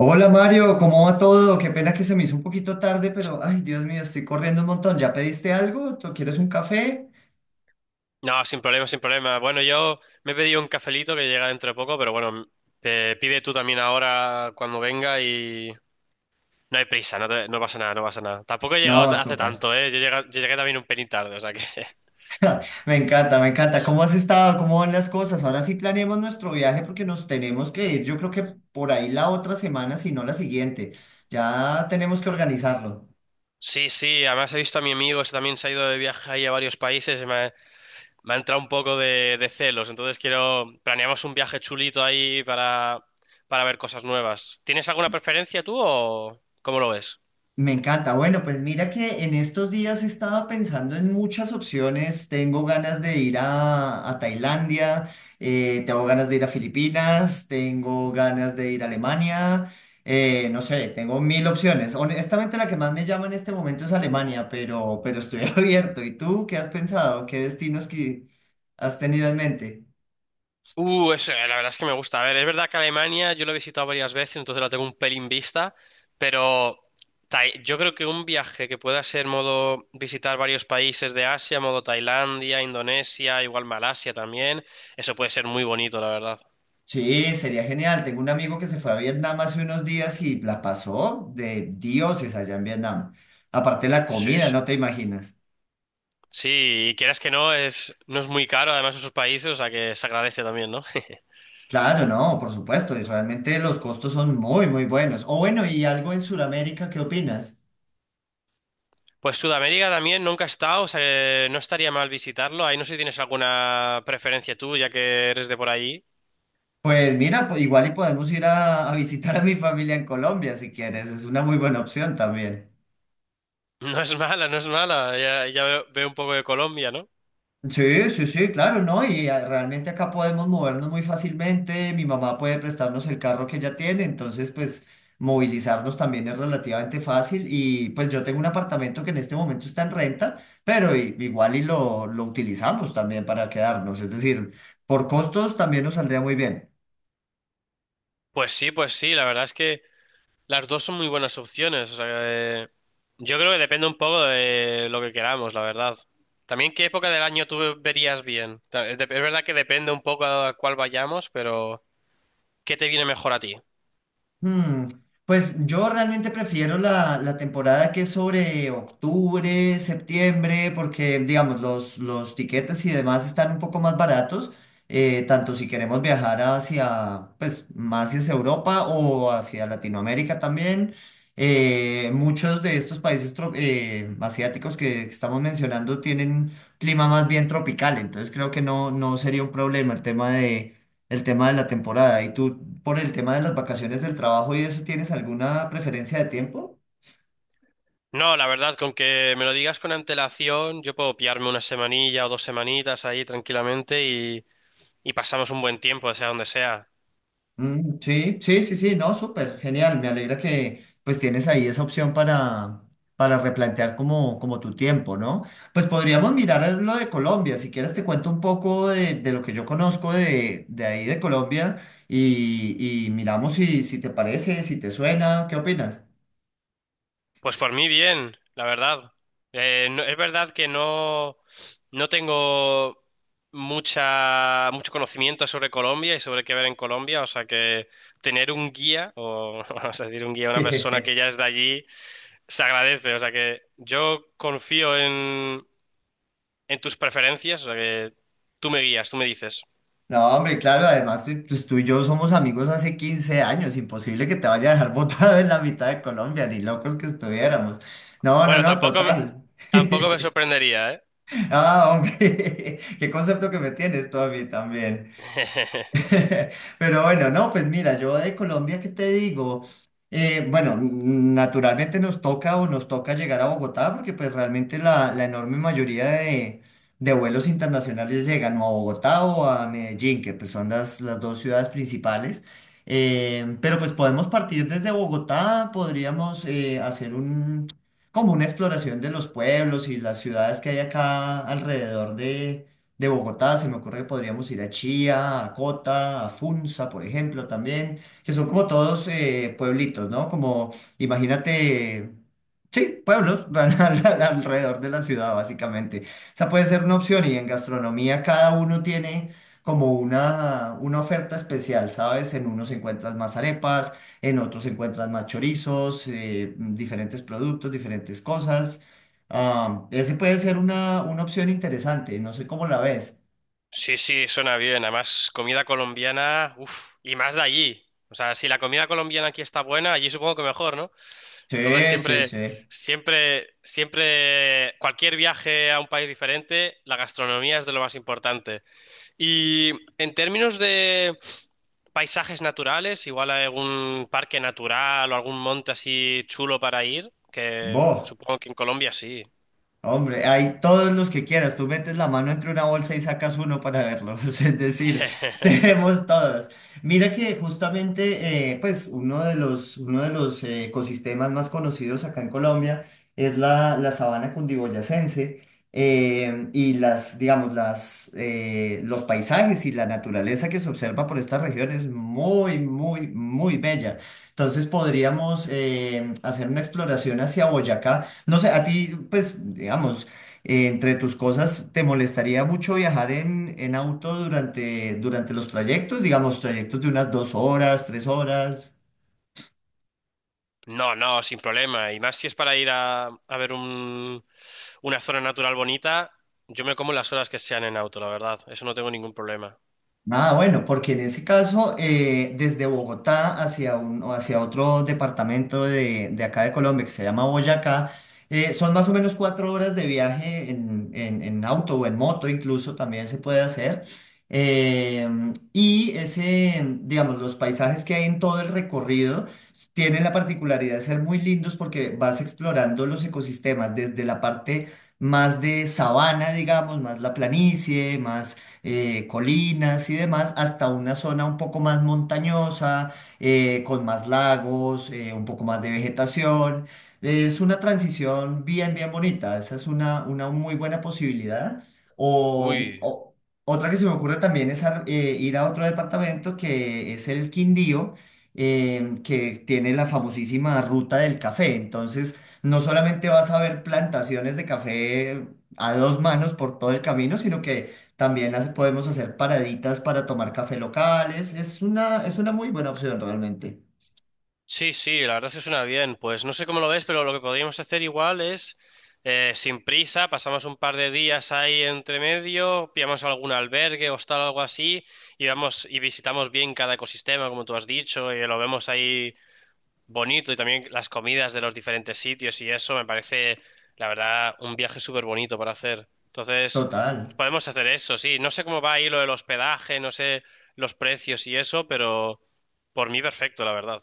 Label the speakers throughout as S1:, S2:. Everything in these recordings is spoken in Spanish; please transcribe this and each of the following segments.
S1: Hola Mario, ¿cómo va todo? Qué pena que se me hizo un poquito tarde, pero ay, Dios mío, estoy corriendo un montón. ¿Ya pediste algo? ¿Tú quieres un café?
S2: No, sin problema, sin problema. Bueno, yo me he pedido un cafelito que llega dentro de poco, pero bueno, pide tú también ahora cuando venga y no hay prisa, no, no pasa nada, no pasa nada. Tampoco he
S1: No,
S2: llegado hace
S1: súper.
S2: tanto, ¿eh? Yo llegué también un pelín tarde, o sea que
S1: Me encanta, me encanta. ¿Cómo has estado? ¿Cómo van las cosas? Ahora sí planeemos nuestro viaje porque nos tenemos que ir. Yo creo que por ahí la otra semana, si no la siguiente. Ya tenemos que organizarlo.
S2: Sí, sí, además he visto a mi amigo, ese también se ha ido de viaje ahí a varios países y me ha entrado un poco de celos, entonces quiero. Planeamos un viaje chulito ahí para ver cosas nuevas. ¿Tienes alguna preferencia tú o cómo lo ves?
S1: Me encanta. Bueno, pues mira que en estos días estaba pensando en muchas opciones. Tengo ganas de ir a Tailandia, tengo ganas de ir a Filipinas, tengo ganas de ir a Alemania, no sé, tengo mil opciones. Honestamente, la que más me llama en este momento es Alemania, pero estoy abierto. ¿Y tú qué has pensado? ¿Qué destinos que has tenido en mente?
S2: Eso, la verdad es que me gusta. A ver, es verdad que Alemania yo lo he visitado varias veces, entonces la tengo un pelín vista, pero yo creo que un viaje que pueda ser modo visitar varios países de Asia, modo Tailandia, Indonesia, igual Malasia también, eso puede ser muy bonito, la verdad.
S1: Sí, sería genial. Tengo un amigo que se fue a Vietnam hace unos días y la pasó de dioses allá en Vietnam. Aparte la
S2: Sí,
S1: comida,
S2: sí.
S1: no te imaginas.
S2: Sí, y quieras que no, no es muy caro además esos países, o sea que se agradece también, ¿no?
S1: Claro, no, por supuesto. Y realmente los costos son muy, muy buenos. O bueno, y algo en Sudamérica, ¿qué opinas?
S2: Pues Sudamérica también nunca he estado, o sea que no estaría mal visitarlo. Ahí no sé si tienes alguna preferencia tú, ya que eres de por ahí.
S1: Pues mira, igual y podemos ir a visitar a mi familia en Colombia si quieres. Es una muy buena opción también.
S2: No es mala, no es mala. Ya, ya veo, un poco de Colombia, ¿no?
S1: Sí, sí, sí, claro, ¿no? Y realmente acá podemos movernos muy fácilmente. Mi mamá puede prestarnos el carro que ella tiene, entonces pues movilizarnos también es relativamente fácil. Y pues yo tengo un apartamento que en este momento está en renta, pero igual y lo utilizamos también para quedarnos. Es decir, por costos también nos saldría muy bien.
S2: Pues sí, la verdad es que las dos son muy buenas opciones. O sea, eh, yo creo que depende un poco de lo que queramos, la verdad. También qué época del año tú verías bien. Es verdad que depende un poco a cuál vayamos, pero ¿qué te viene mejor a ti?
S1: Hmm. Pues yo realmente prefiero la temporada que es sobre octubre, septiembre, porque digamos los tiquetes y demás están un poco más baratos, tanto si queremos viajar hacia, pues más hacia Europa o hacia Latinoamérica también. Muchos de estos países asiáticos que estamos mencionando tienen clima más bien tropical, entonces creo que no, no sería un problema el tema de la temporada. ¿Y tú, por el tema de las vacaciones del trabajo y eso, tienes alguna preferencia de tiempo?
S2: No, la verdad, con que me lo digas con antelación, yo puedo pillarme una semanilla o 2 semanitas ahí tranquilamente y pasamos un buen tiempo, sea donde sea.
S1: Mm, sí, sí, sí, sí, no, súper, genial. Me alegra que pues tienes ahí esa opción para, replantear como tu tiempo, ¿no? Pues podríamos mirar lo de Colombia. Si quieres te cuento un poco de lo que yo conozco de ahí de Colombia y miramos si te parece, si te suena, ¿qué opinas?
S2: Pues por mí bien, la verdad. Es verdad que no tengo mucho conocimiento sobre Colombia y sobre qué ver en Colombia, o sea que tener un guía, o vamos a decir un guía, una persona que ya es de allí, se agradece. O sea que yo confío en tus preferencias, o sea que tú me guías, tú me dices.
S1: No, hombre, claro, además pues, tú y yo somos amigos hace 15 años, imposible que te vaya a dejar botado en la mitad de Colombia, ni locos que estuviéramos. No, no,
S2: Bueno,
S1: no,
S2: tampoco, me-
S1: total.
S2: tampoco me sorprendería, ¿eh?
S1: Ah, hombre, qué concepto que me tienes tú a mí también. Pero bueno, no, pues mira, yo de Colombia, ¿qué te digo? Bueno, naturalmente nos toca llegar a Bogotá porque pues realmente la enorme mayoría de vuelos internacionales llegan o a Bogotá o a Medellín, que pues son las dos ciudades principales. Pero pues podemos partir desde Bogotá, podríamos hacer como una exploración de los pueblos y las ciudades que hay acá alrededor de Bogotá. Se me ocurre que podríamos ir a Chía, a Cota, a Funza, por ejemplo, también, que son como todos pueblitos, ¿no? Como, imagínate, sí, pueblos van alrededor de la ciudad, básicamente. Esa puede ser una opción y en gastronomía cada uno tiene como una oferta especial, ¿sabes? En unos encuentras más arepas, en otros encuentras más chorizos, diferentes productos, diferentes cosas. Ah, ese puede ser una opción interesante, no sé cómo la ves.
S2: Sí, sí, suena bien. Además, comida colombiana, uff, y más de allí. O sea, si la comida colombiana aquí está buena, allí supongo que mejor, ¿no? Entonces
S1: Sí, sí,
S2: siempre,
S1: sí.
S2: siempre, siempre, cualquier viaje a un país diferente, la gastronomía es de lo más importante. Y en términos de paisajes naturales, igual hay algún parque natural o algún monte así chulo para ir, que
S1: Vos.
S2: supongo que en Colombia sí.
S1: Hombre, hay todos los que quieras. Tú metes la mano entre una bolsa y sacas uno para verlos. Es decir, tenemos todos. Mira que justamente, pues uno de los ecosistemas más conocidos acá en Colombia es la sabana cundiboyacense, y los paisajes y la naturaleza que se observa por esta región es muy, muy, muy bella. Entonces podríamos hacer una exploración hacia Boyacá. No sé, a ti, pues, digamos, entre tus cosas, ¿te molestaría mucho viajar en auto durante, los trayectos? Digamos, trayectos de unas 2 horas, 3 horas.
S2: No, no, sin problema. Y más si es para ir a ver una zona natural bonita, yo me como las horas que sean en auto, la verdad. Eso no tengo ningún problema.
S1: Ah, bueno, porque en ese caso, desde Bogotá hacia o hacia otro departamento de acá de Colombia que se llama Boyacá, son más o menos 4 horas de viaje en, auto o en moto, incluso también se puede hacer. Y ese, digamos, los paisajes que hay en todo el recorrido tienen la particularidad de ser muy lindos porque vas explorando los ecosistemas desde la parte más de sabana, digamos, más la planicie, más colinas y demás, hasta una zona un poco más montañosa, con más lagos, un poco más de vegetación. Es una transición bien, bien bonita. Esa es una muy buena posibilidad. O,
S2: Uy,
S1: o- otra que se me ocurre también es ir a otro departamento que es el Quindío, que tiene la famosísima ruta del café. Entonces, no solamente vas a ver plantaciones de café a dos manos por todo el camino, sino que también las podemos hacer paraditas para tomar café locales. Es una muy buena opción realmente.
S2: sí, sí, la verdad es que suena bien. Pues no sé cómo lo ves, pero lo que podríamos hacer igual es, sin prisa, pasamos un par de días ahí entre medio, pillamos algún albergue, hostal o algo así, y vamos y visitamos bien cada ecosistema, como tú has dicho, y lo vemos ahí bonito y también las comidas de los diferentes sitios y eso me parece, la verdad, un viaje súper bonito para hacer. Entonces, pues
S1: Total.
S2: podemos hacer eso, sí. No sé cómo va ahí lo del hospedaje, no sé los precios y eso, pero por mí perfecto, la verdad.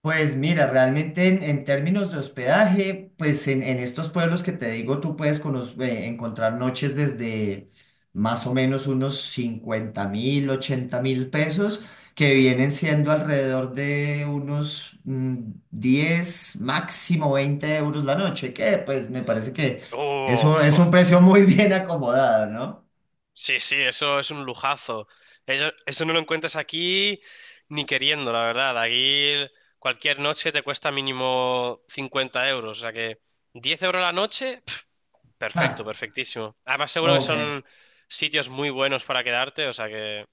S1: Pues mira, realmente en términos de hospedaje, pues en estos pueblos que te digo, tú puedes encontrar noches desde más o menos unos 50.000, 80.000 pesos, que vienen siendo alrededor de unos 10, máximo 20 euros la noche, que pues me parece que es
S2: Oh,
S1: un, es
S2: fua.
S1: un precio muy bien acomodado, ¿no?
S2: Sí, sí, eso es un lujazo. Eso, no lo encuentras aquí ni queriendo, la verdad. Aquí cualquier noche te cuesta mínimo 50 euros, o sea que 10 euros la noche. Perfecto,
S1: Ah,
S2: perfectísimo. Además, seguro que
S1: ok.
S2: son sitios muy buenos para quedarte, o sea que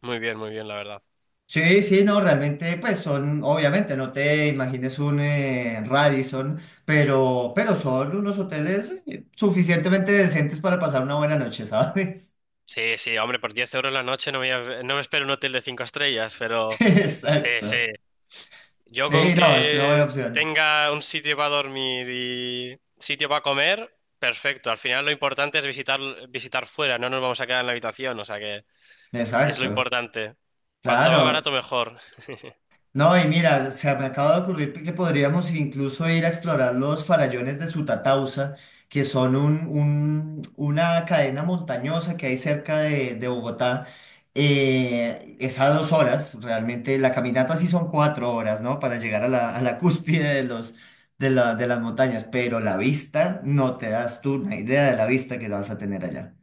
S2: muy bien, la verdad.
S1: Sí, sí, no, realmente, pues son, obviamente, no te imagines un Radisson, pero son unos hoteles suficientemente decentes para pasar una buena noche, ¿sabes?
S2: Sí, sí, hombre, por 10 euros la noche no me espero un hotel de 5 estrellas, pero sí, sí.
S1: Exacto.
S2: Yo con
S1: Sí, no, es una buena
S2: que
S1: opción.
S2: tenga un sitio para dormir y sitio para comer, perfecto. Al final lo importante es visitar, visitar fuera, no nos vamos a quedar en la habitación, o sea que es lo
S1: Exacto.
S2: importante. Cuanto más
S1: Claro.
S2: barato, mejor.
S1: No, y mira, se me acaba de ocurrir que podríamos incluso ir a explorar los farallones de Sutatausa, que son una cadena montañosa que hay cerca de Bogotá. Es a 2 horas, realmente la caminata sí son 4 horas, ¿no? Para llegar a la, cúspide de las montañas, pero la vista, no te das tú una idea de la vista que vas a tener allá.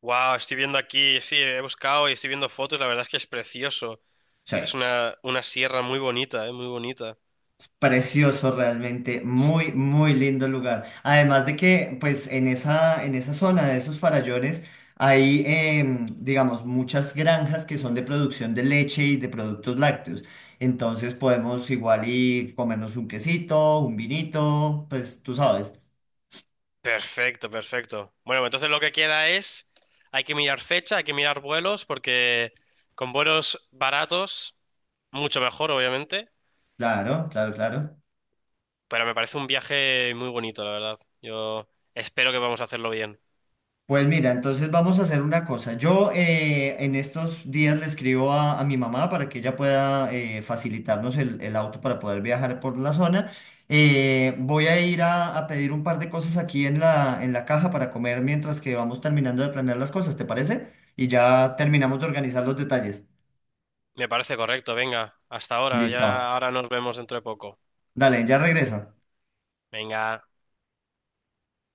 S2: Wow, estoy viendo aquí, sí, he buscado y estoy viendo fotos, la verdad es que es precioso.
S1: Sí.
S2: Es una sierra muy bonita, ¿eh? Muy bonita.
S1: Precioso realmente, muy, muy lindo lugar. Además de que, pues, en esa, zona de esos farallones hay, digamos, muchas granjas que son de producción de leche y de productos lácteos. Entonces podemos igual y comernos un quesito, un vinito, pues, tú sabes.
S2: Perfecto, perfecto. Bueno, pues entonces lo que queda es, hay que mirar fecha, hay que mirar vuelos, porque con vuelos baratos, mucho mejor, obviamente,
S1: Claro, claro, claro.
S2: pero me parece un viaje muy bonito, la verdad. Yo espero que vamos a hacerlo bien.
S1: Pues mira, entonces vamos a hacer una cosa. Yo en estos días le escribo a mi mamá para que ella pueda facilitarnos el auto para poder viajar por la zona. Voy a ir a pedir un par de cosas aquí en la, caja para comer mientras que vamos terminando de planear las cosas, ¿te parece? Y ya terminamos de organizar los detalles.
S2: Me parece correcto, venga, hasta ahora, ya
S1: Listo.
S2: ahora nos vemos dentro de poco.
S1: Dale, ya regreso.
S2: Venga.